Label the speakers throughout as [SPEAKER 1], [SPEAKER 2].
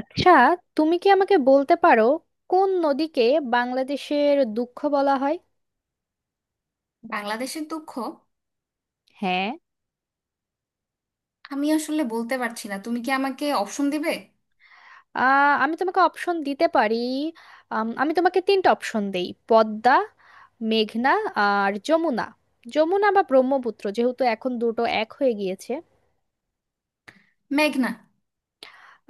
[SPEAKER 1] আচ্ছা, তুমি কি আমাকে বলতে পারো কোন নদীকে বাংলাদেশের দুঃখ বলা হয়?
[SPEAKER 2] বাংলাদেশের দুঃখ?
[SPEAKER 1] হ্যাঁ।
[SPEAKER 2] আমি আসলে বলতে পারছি না, তুমি কি আমাকে অপশন দিবে?
[SPEAKER 1] আমি তোমাকে অপশন দিতে পারি। আমি তোমাকে তিনটা অপশন দেই পদ্মা, মেঘনা আর যমুনা। যমুনা বা ব্রহ্মপুত্র, যেহেতু এখন দুটো এক হয়ে গিয়েছে।
[SPEAKER 2] মেঘনা।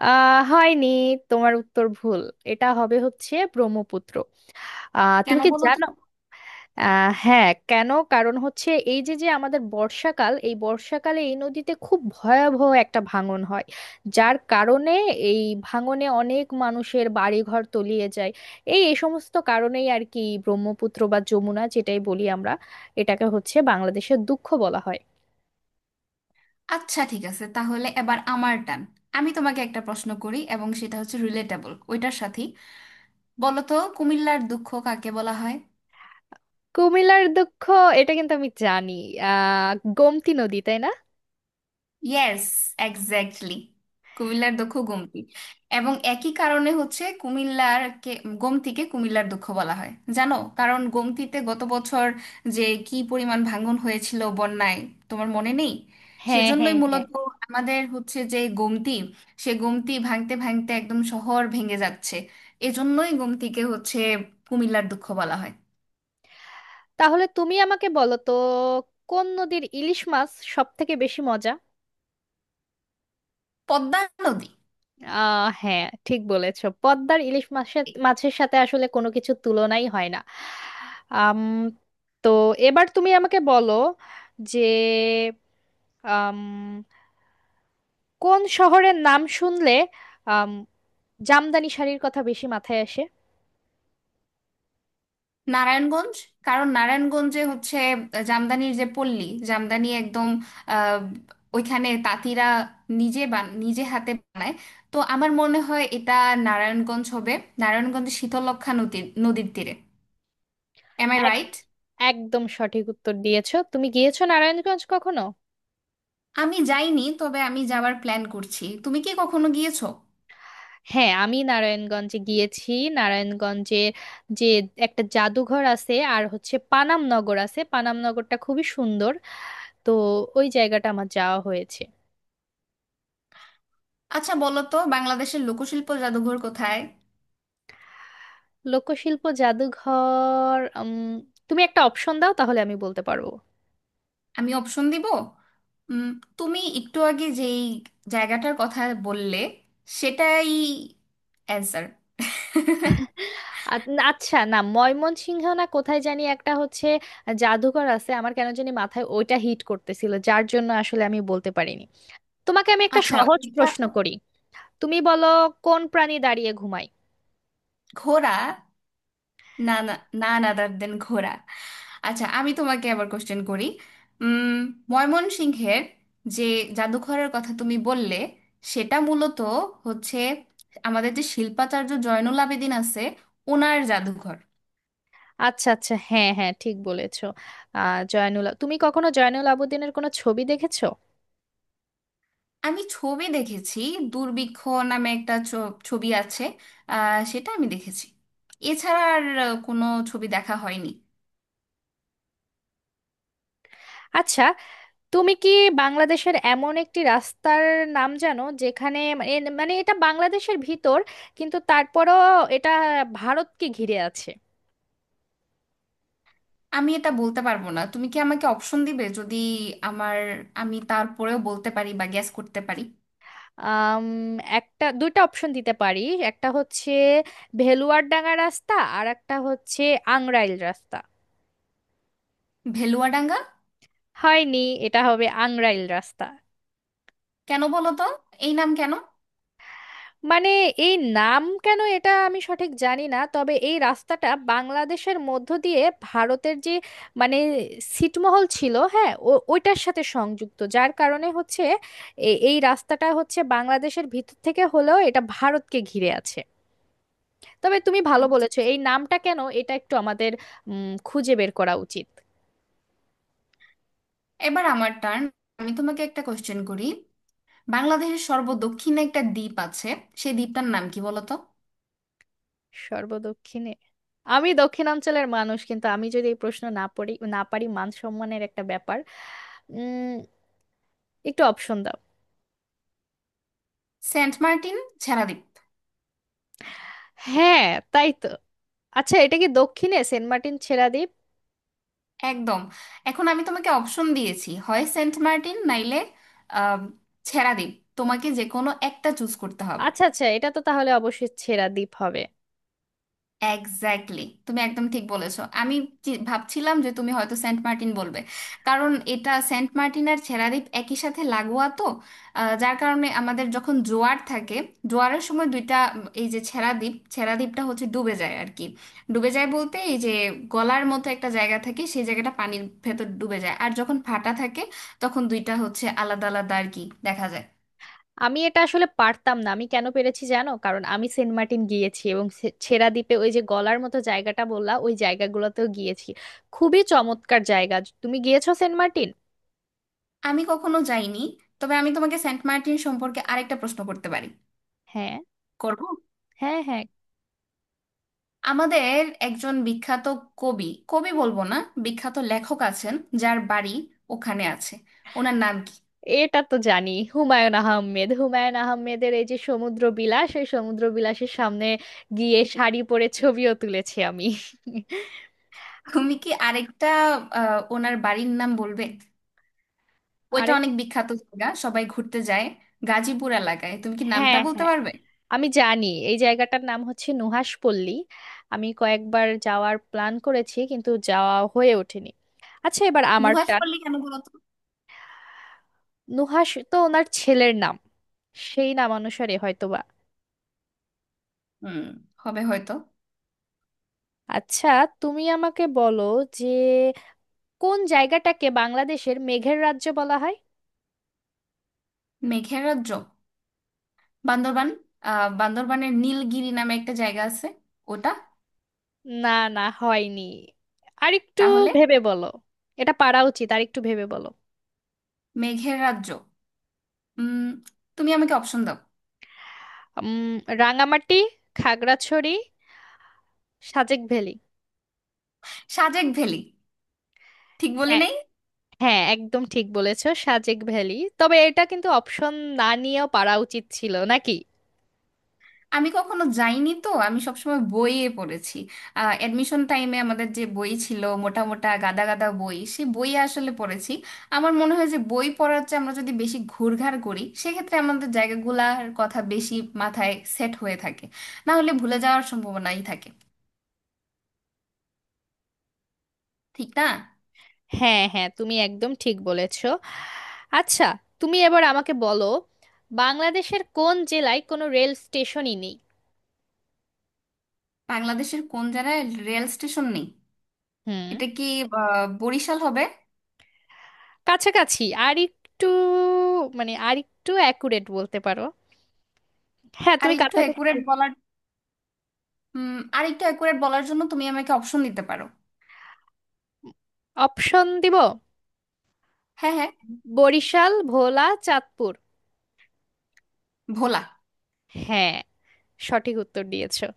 [SPEAKER 1] হয়নি, তোমার উত্তর ভুল। এটা হবে হচ্ছে ব্রহ্মপুত্র। তুমি
[SPEAKER 2] কেন
[SPEAKER 1] কি
[SPEAKER 2] বলো তো?
[SPEAKER 1] জানো? হ্যাঁ, কেন? কারণ হচ্ছে এই যে যে আমাদের বর্ষাকাল, এই বর্ষাকালে এই নদীতে খুব ভয়াবহ একটা ভাঙন হয়, যার কারণে এই ভাঙনে অনেক মানুষের বাড়িঘর তলিয়ে যায়। এই এই সমস্ত কারণেই আর কি ব্রহ্মপুত্র বা যমুনা যেটাই বলি আমরা, এটাকে হচ্ছে বাংলাদেশের দুঃখ বলা হয়।
[SPEAKER 2] আচ্ছা ঠিক আছে, তাহলে এবার আমার টান। আমি তোমাকে একটা প্রশ্ন করি, এবং সেটা হচ্ছে রিলেটেবল ওইটার সাথেই। বলো তো, কুমিল্লার দুঃখ কাকে বলা হয়?
[SPEAKER 1] কুমিল্লার দুঃখ? এটা কিন্তু আমি জানি। আহ গোমতী নদী, তাই না?
[SPEAKER 2] Yes, exactly. কুমিল্লার দুঃখ গোমতী। এবং একই কারণে হচ্ছে কুমিল্লার গোমতীকে কুমিল্লার দুঃখ বলা হয়। জানো, কারণ গোমতীতে গত বছর যে কি পরিমাণ ভাঙন হয়েছিল বন্যায়, তোমার মনে নেই?
[SPEAKER 1] হ্যাঁ,
[SPEAKER 2] সেজন্যই
[SPEAKER 1] হ্যাঁ,
[SPEAKER 2] মূলত
[SPEAKER 1] হ্যাঁ।
[SPEAKER 2] আমাদের হচ্ছে যে গোমতী, সে গোমতী ভাঙতে ভাঙতে একদম শহর ভেঙে যাচ্ছে। এজন্যই গোমতীকে হচ্ছে কুমিল্লার দুঃখ বলা হয়।
[SPEAKER 1] তাহলে তুমি আমাকে বলো তো কোন নদীর ইলিশ মাছ সব থেকে বেশি মজা?
[SPEAKER 2] পদ্মা নদী।
[SPEAKER 1] হ্যাঁ, ঠিক বলেছো, পদ্মার ইলিশ মাছের মাছের সাথে আসলে কোনো কিছু তুলনাই হয় না। আম, তো এবার তুমি আমাকে বলো যে আম, কোন শহরের নাম শুনলে আম, জামদানি শাড়ির কথা বেশি মাথায় আসে?
[SPEAKER 2] নারায়ণগঞ্জ। কারণ নারায়ণগঞ্জে হচ্ছে জামদানির যে পল্লী, জামদানি একদম আহ, ওইখানে তাঁতিরা নিজে নিজে হাতে বানায়। তো আমার মনে হয় এটা নারায়ণগঞ্জ হবে। নারায়ণগঞ্জ শীতলক্ষ্যা নদীর নদীর তীরে। এম আই
[SPEAKER 1] এক-
[SPEAKER 2] রাইট?
[SPEAKER 1] একদম সঠিক উত্তর দিয়েছো। তুমি গিয়েছো নারায়ণগঞ্জ কখনো?
[SPEAKER 2] আমি যাইনি, তবে আমি যাওয়ার প্ল্যান করছি। তুমি কি কখনো গিয়েছো?
[SPEAKER 1] হ্যাঁ, আমি নারায়ণগঞ্জে গিয়েছি। নারায়ণগঞ্জে যে একটা জাদুঘর আছে আর হচ্ছে পানাম নগর আছে, পানাম নগরটা খুবই সুন্দর। তো ওই জায়গাটা আমার যাওয়া হয়েছে।
[SPEAKER 2] আচ্ছা বলো তো, বাংলাদেশের লোকশিল্প জাদুঘর কোথায়?
[SPEAKER 1] লোকশিল্প জাদুঘর? তুমি একটা অপশন দাও তাহলে আমি বলতে পারবো।
[SPEAKER 2] আমি অপশন দিব। উম, তুমি একটু আগে যেই জায়গাটার কথা বললে, সেটাই অ্যান্সার।
[SPEAKER 1] আ- আচ্ছা, না ময়মনসিংহ না কোথায় জানি একটা হচ্ছে জাদুঘর আছে, আমার কেন জানি মাথায় ওইটা হিট করতেছিল, যার জন্য আসলে আমি বলতে পারিনি। তোমাকে আমি একটা
[SPEAKER 2] আচ্ছা
[SPEAKER 1] সহজ
[SPEAKER 2] ওইটা।
[SPEAKER 1] প্রশ্ন করি। তুমি বলো কোন প্রাণী দাঁড়িয়ে ঘুমায়?
[SPEAKER 2] ঘোড়া। না না, না, আদার দেন ঘোড়া। আচ্ছা আমি তোমাকে আবার কোশ্চেন করি। উম, ময়মনসিংহের যে জাদুঘরের কথা তুমি বললে, সেটা মূলত হচ্ছে আমাদের যে শিল্পাচার্য জয়নুল আবেদিন আছে, ওনার জাদুঘর।
[SPEAKER 1] আচ্ছা, আচ্ছা, হ্যাঁ, হ্যাঁ, ঠিক বলেছো। জয়নুল, তুমি কখনো জয়নুল আবেদিনের কোনো ছবি দেখেছো?
[SPEAKER 2] আমি ছবি দেখেছি। দুর্ভিক্ষ নামে একটা ছবি আছে, সেটা আমি দেখেছি। এছাড়া আর কোনো ছবি দেখা হয়নি।
[SPEAKER 1] আচ্ছা, তুমি কি বাংলাদেশের এমন একটি রাস্তার নাম জানো যেখানে মানে মানে এটা বাংলাদেশের ভিতর কিন্তু তারপরও এটা ভারতকে ঘিরে আছে?
[SPEAKER 2] আমি এটা বলতে পারবো না, তুমি কি আমাকে অপশন দিবে? যদি আমার, আমি তারপরেও বলতে পারি বা গ্যাস করতে পারি।
[SPEAKER 1] আম, একটা দুইটা অপশন দিতে পারি। একটা হচ্ছে ভেলুয়ারডাঙ্গা রাস্তা আর একটা হচ্ছে আংরাইল রাস্তা।
[SPEAKER 2] ভেলুয়াডাঙ্গা।
[SPEAKER 1] হয়নি, এটা হবে আংরাইল রাস্তা।
[SPEAKER 2] কেন বলো তো? এই নাম কেন?
[SPEAKER 1] মানে এই নাম কেন এটা আমি সঠিক জানি না, তবে এই রাস্তাটা বাংলাদেশের মধ্য দিয়ে ভারতের যে মানে ছিটমহল ছিল, হ্যাঁ, ওইটার সাথে সংযুক্ত, যার কারণে হচ্ছে এই রাস্তাটা হচ্ছে বাংলাদেশের ভিতর থেকে হলেও এটা ভারতকে ঘিরে আছে। তবে তুমি ভালো
[SPEAKER 2] আচ্ছা,
[SPEAKER 1] বলেছো, এই নামটা কেন এটা একটু আমাদের খুঁজে বের করা উচিত।
[SPEAKER 2] এবার আমার টার্ন। আমি তোমাকে একটা কোশ্চেন করি। বাংলাদেশের সর্বদক্ষিণে একটা দ্বীপ আছে, সেই দ্বীপটার নাম কি বলো তো?
[SPEAKER 1] সর্বদক্ষিণে? আমি দক্ষিণাঞ্চলের মানুষ, কিন্তু আমি যদি এই প্রশ্ন না পড়ি না পারি মান সম্মানের একটা ব্যাপার। উম একটু অপশন দাও।
[SPEAKER 2] Saint Martin, Chhera Dwip.
[SPEAKER 1] হ্যাঁ, তাই তো। আচ্ছা, এটা কি দক্ষিণে সেন্ট মার্টিন ছেড়া দ্বীপ?
[SPEAKER 2] একদম। এখন আমি তোমাকে অপশন দিয়েছি, হয় সেন্ট মার্টিন নাইলে আহ, ছেড়াদ্বীপ। তোমাকে যে কোনো একটা চুজ করতে হবে।
[SPEAKER 1] আচ্ছা, আচ্ছা, এটা তো তাহলে অবশ্যই ছেড়া দ্বীপ হবে।
[SPEAKER 2] এক্স্যাক্টলি, তুমি একদম ঠিক বলেছো। আমি ভাবছিলাম যে তুমি হয়তো সেন্ট মার্টিন বলবে, কারণ এটা সেন্ট মার্টিন আর ছেড়াদ্বীপ একই সাথে লাগোয়া তো। যার কারণে আমাদের যখন জোয়ার থাকে, জোয়ারের সময় দুইটা এই যে ছেড়াদ্বীপটা হচ্ছে ডুবে যায় আর কি। ডুবে যায় বলতে এই যে গলার মতো একটা জায়গা থাকে, সেই জায়গাটা পানির ভেতর ডুবে যায়, আর যখন ফাটা থাকে তখন দুইটা হচ্ছে আলাদা আলাদা আর কি দেখা যায়।
[SPEAKER 1] আমি এটা আসলে পারতাম না, আমি কেন পেরেছি জানো? কারণ আমি সেন্ট মার্টিন গিয়েছি এবং ছেড়া দ্বীপে ওই যে গলার মতো জায়গাটা বললা ওই জায়গাগুলোতেও গিয়েছি। খুবই চমৎকার জায়গা। তুমি গিয়েছো সেন্ট মার্টিন?
[SPEAKER 2] আমি কখনো যাইনি, তবে আমি তোমাকে সেন্ট মার্টিন সম্পর্কে আরেকটা প্রশ্ন করতে পারি।
[SPEAKER 1] হ্যাঁ,
[SPEAKER 2] করব।
[SPEAKER 1] হ্যাঁ, হ্যাঁ।
[SPEAKER 2] আমাদের একজন বিখ্যাত কবি কবি বলবো না, বিখ্যাত লেখক আছেন, যার বাড়ি ওখানে আছে। ওনার নাম কি?
[SPEAKER 1] এটা তো জানি হুমায়ুন আহমেদ। হুমায়ুন আহমেদের এই যে সমুদ্র বিলাস, ওই সমুদ্র বিলাসের সামনে গিয়ে শাড়ি পরে ছবিও তুলেছি আমি।
[SPEAKER 2] তুমি কি আরেকটা ওনার বাড়ির নাম বলবে? ওইটা
[SPEAKER 1] আরেক?
[SPEAKER 2] অনেক বিখ্যাত জায়গা, সবাই ঘুরতে যায়। গাজীপুর এলাকায়, তুমি কি নামটা
[SPEAKER 1] হ্যাঁ,
[SPEAKER 2] বলতে
[SPEAKER 1] হ্যাঁ,
[SPEAKER 2] পারবে?
[SPEAKER 1] আমি জানি এই জায়গাটার নাম হচ্ছে নুহাশপল্লী। আমি কয়েকবার যাওয়ার প্ল্যান করেছি কিন্তু যাওয়া হয়ে ওঠেনি। আচ্ছা, এবার আমার টান।
[SPEAKER 2] নুহাশপল্লী কেন বলো তো?
[SPEAKER 1] নুহাশ তো ওনার ছেলের নাম, সেই নাম অনুসারে হয়তোবা।
[SPEAKER 2] হুম, হবে হয়তো।
[SPEAKER 1] আচ্ছা, তুমি আমাকে বলো যে কোন জায়গাটাকে বাংলাদেশের মেঘের রাজ্য বলা হয়?
[SPEAKER 2] মেঘের রাজ্য? বান্দরবান। আহ বান্দরবানের নীলগিরি নামে একটা জায়গা আছে, ওটা।
[SPEAKER 1] না, না, হয়নি, আরেকটু
[SPEAKER 2] তাহলে
[SPEAKER 1] ভেবে বলো। এটা পারা উচিত, আরেকটু ভেবে বলো।
[SPEAKER 2] মেঘের রাজ্য, উম তুমি আমাকে অপশন দাও।
[SPEAKER 1] উম রাঙামাটি, খাগড়াছড়ি, সাজেক ভ্যালি।
[SPEAKER 2] সাজেক ভ্যালি, ঠিক বলি
[SPEAKER 1] হ্যাঁ,
[SPEAKER 2] নাই?
[SPEAKER 1] হ্যাঁ, একদম ঠিক বলেছো, সাজেক ভ্যালি। তবে এটা কিন্তু অপশন না নিয়েও পারা উচিত ছিল নাকি।
[SPEAKER 2] আমি কখনো যাইনি তো, আমি সবসময় বইয়ে পড়েছি। অ্যাডমিশন টাইমে আমাদের যে বই ছিল, মোটা মোটা গাদা গাদা বই, সেই বইয়ে আসলে পড়েছি। আমার মনে হয় যে বই পড়ার চেয়ে আমরা যদি বেশি ঘুরঘার করি, সেক্ষেত্রে আমাদের জায়গাগুলার কথা বেশি মাথায় সেট হয়ে থাকে। না হলে ভুলে যাওয়ার সম্ভাবনাই থাকে, ঠিক না?
[SPEAKER 1] হ্যাঁ, হ্যাঁ, তুমি একদম ঠিক বলেছো। আচ্ছা, তুমি এবার আমাকে বলো বাংলাদেশের কোন জেলায় কোনো রেল স্টেশনই নেই?
[SPEAKER 2] বাংলাদেশের কোন জায়গায় রেল স্টেশন নেই?
[SPEAKER 1] হুম।
[SPEAKER 2] এটা কি বরিশাল হবে?
[SPEAKER 1] কাছাকাছি, আর একটু, মানে আর একটু অ্যাকুরেট বলতে পারো। হ্যাঁ,
[SPEAKER 2] আর
[SPEAKER 1] তুমি
[SPEAKER 2] একটু
[SPEAKER 1] কাছাকাছি।
[SPEAKER 2] অ্যাকুরেট বলার, আর একটু অ্যাকুরেট বলার জন্য তুমি আমাকে অপশন দিতে পারো।
[SPEAKER 1] অপশন দিব।
[SPEAKER 2] হ্যাঁ হ্যাঁ।
[SPEAKER 1] বরিশাল, ভোলা, চাঁদপুর।
[SPEAKER 2] ভোলা।
[SPEAKER 1] হ্যাঁ, সঠিক উত্তর দিয়েছো।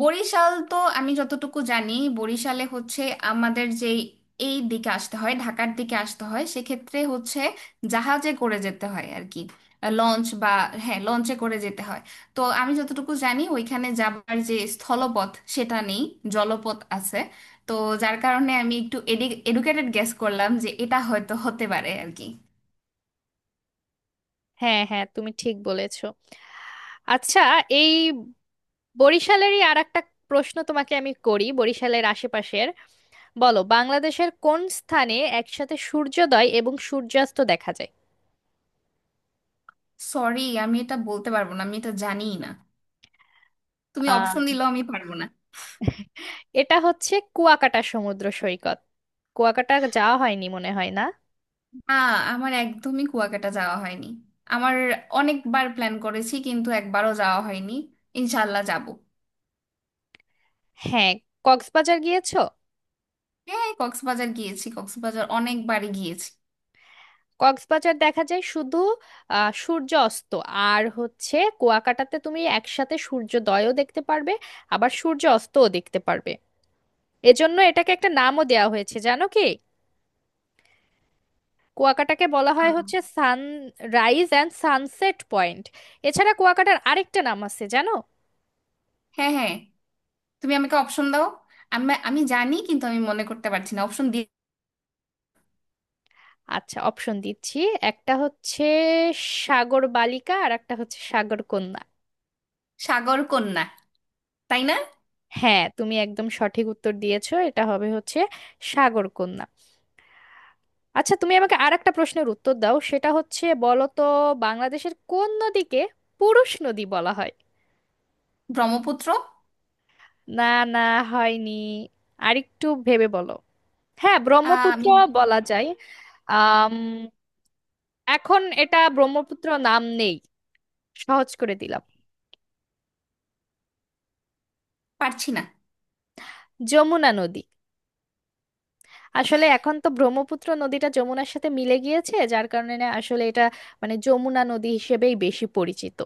[SPEAKER 2] বরিশাল তো আমি যতটুকু জানি, বরিশালে হচ্ছে আমাদের যে এই দিকে আসতে হয়, ঢাকার দিকে আসতে হয়, সেক্ষেত্রে হচ্ছে জাহাজে করে যেতে হয় আর কি, লঞ্চ বা, হ্যাঁ লঞ্চে করে যেতে হয়। তো আমি যতটুকু জানি ওইখানে যাবার যে স্থলপথ সেটা নেই, জলপথ আছে। তো যার কারণে আমি একটু এডুকেটেড গেস করলাম যে এটা হয়তো হতে পারে আর কি।
[SPEAKER 1] হ্যাঁ, হ্যাঁ, তুমি ঠিক বলেছো। আচ্ছা, এই বরিশালেরই আর একটা প্রশ্ন তোমাকে আমি করি, বরিশালের আশেপাশের। বলো বাংলাদেশের কোন স্থানে একসাথে সূর্যোদয় এবং সূর্যাস্ত দেখা যায়?
[SPEAKER 2] সরি, আমি এটা বলতে পারবো না, আমি এটা জানিই না। তুমি অপশন
[SPEAKER 1] আহ
[SPEAKER 2] দিলেও আমি পারবো না।
[SPEAKER 1] এটা হচ্ছে কুয়াকাটা সমুদ্র সৈকত। কুয়াকাটা যাওয়া হয়নি মনে হয় না?
[SPEAKER 2] আ, আমার একদমই কুয়াকাটা যাওয়া হয়নি। আমার অনেকবার প্ল্যান করেছি, কিন্তু একবারও যাওয়া হয়নি। ইনশাল্লাহ যাব।
[SPEAKER 1] হ্যাঁ, কক্সবাজার গিয়েছো?
[SPEAKER 2] হ্যাঁ কক্সবাজার গিয়েছি, কক্সবাজার অনেকবারই গিয়েছি।
[SPEAKER 1] কক্সবাজার দেখা যায় শুধু সূর্য অস্ত, আর হচ্ছে কুয়াকাটাতে তুমি একসাথে সূর্যোদয়ও দেখতে পারবে আবার সূর্য অস্তও দেখতে পারবে। এজন্য এটাকে একটা নামও দেওয়া হয়েছে, জানো কি? কুয়াকাটাকে বলা হয়
[SPEAKER 2] আহ,
[SPEAKER 1] হচ্ছে সানরাইজ অ্যান্ড সানসেট পয়েন্ট। এছাড়া কুয়াকাটার আরেকটা নাম আছে জানো?
[SPEAKER 2] হ্যাঁ হ্যাঁ, তুমি আমাকে অপশন দাও। আমি আমি জানি কিন্তু আমি মনে করতে পারছি না, অপশন দিয়ে।
[SPEAKER 1] আচ্ছা, অপশন দিচ্ছি। একটা হচ্ছে সাগর বালিকা আর একটা হচ্ছে সাগর কন্যা।
[SPEAKER 2] সাগর কন্যা, তাই না?
[SPEAKER 1] হ্যাঁ, তুমি একদম সঠিক উত্তর দিয়েছো, এটা হবে হচ্ছে সাগর কন্যা। আচ্ছা, তুমি আমাকে আর একটা প্রশ্নের উত্তর দাও, সেটা হচ্ছে বলো তো বাংলাদেশের কোন নদীকে পুরুষ নদী বলা হয়?
[SPEAKER 2] ব্রহ্মপুত্র।
[SPEAKER 1] না, না, হয়নি, আরেকটু ভেবে বলো। হ্যাঁ, ব্রহ্মপুত্র
[SPEAKER 2] আমি
[SPEAKER 1] বলা যায়। আম এখন এটা ব্রহ্মপুত্র নাম নেই, সহজ করে দিলাম।
[SPEAKER 2] পারছি না।
[SPEAKER 1] যমুনা নদী। আসলে এখন তো ব্রহ্মপুত্র নদীটা যমুনার সাথে মিলে গিয়েছে, যার কারণে না আসলে এটা মানে যমুনা নদী হিসেবেই বেশি পরিচিত।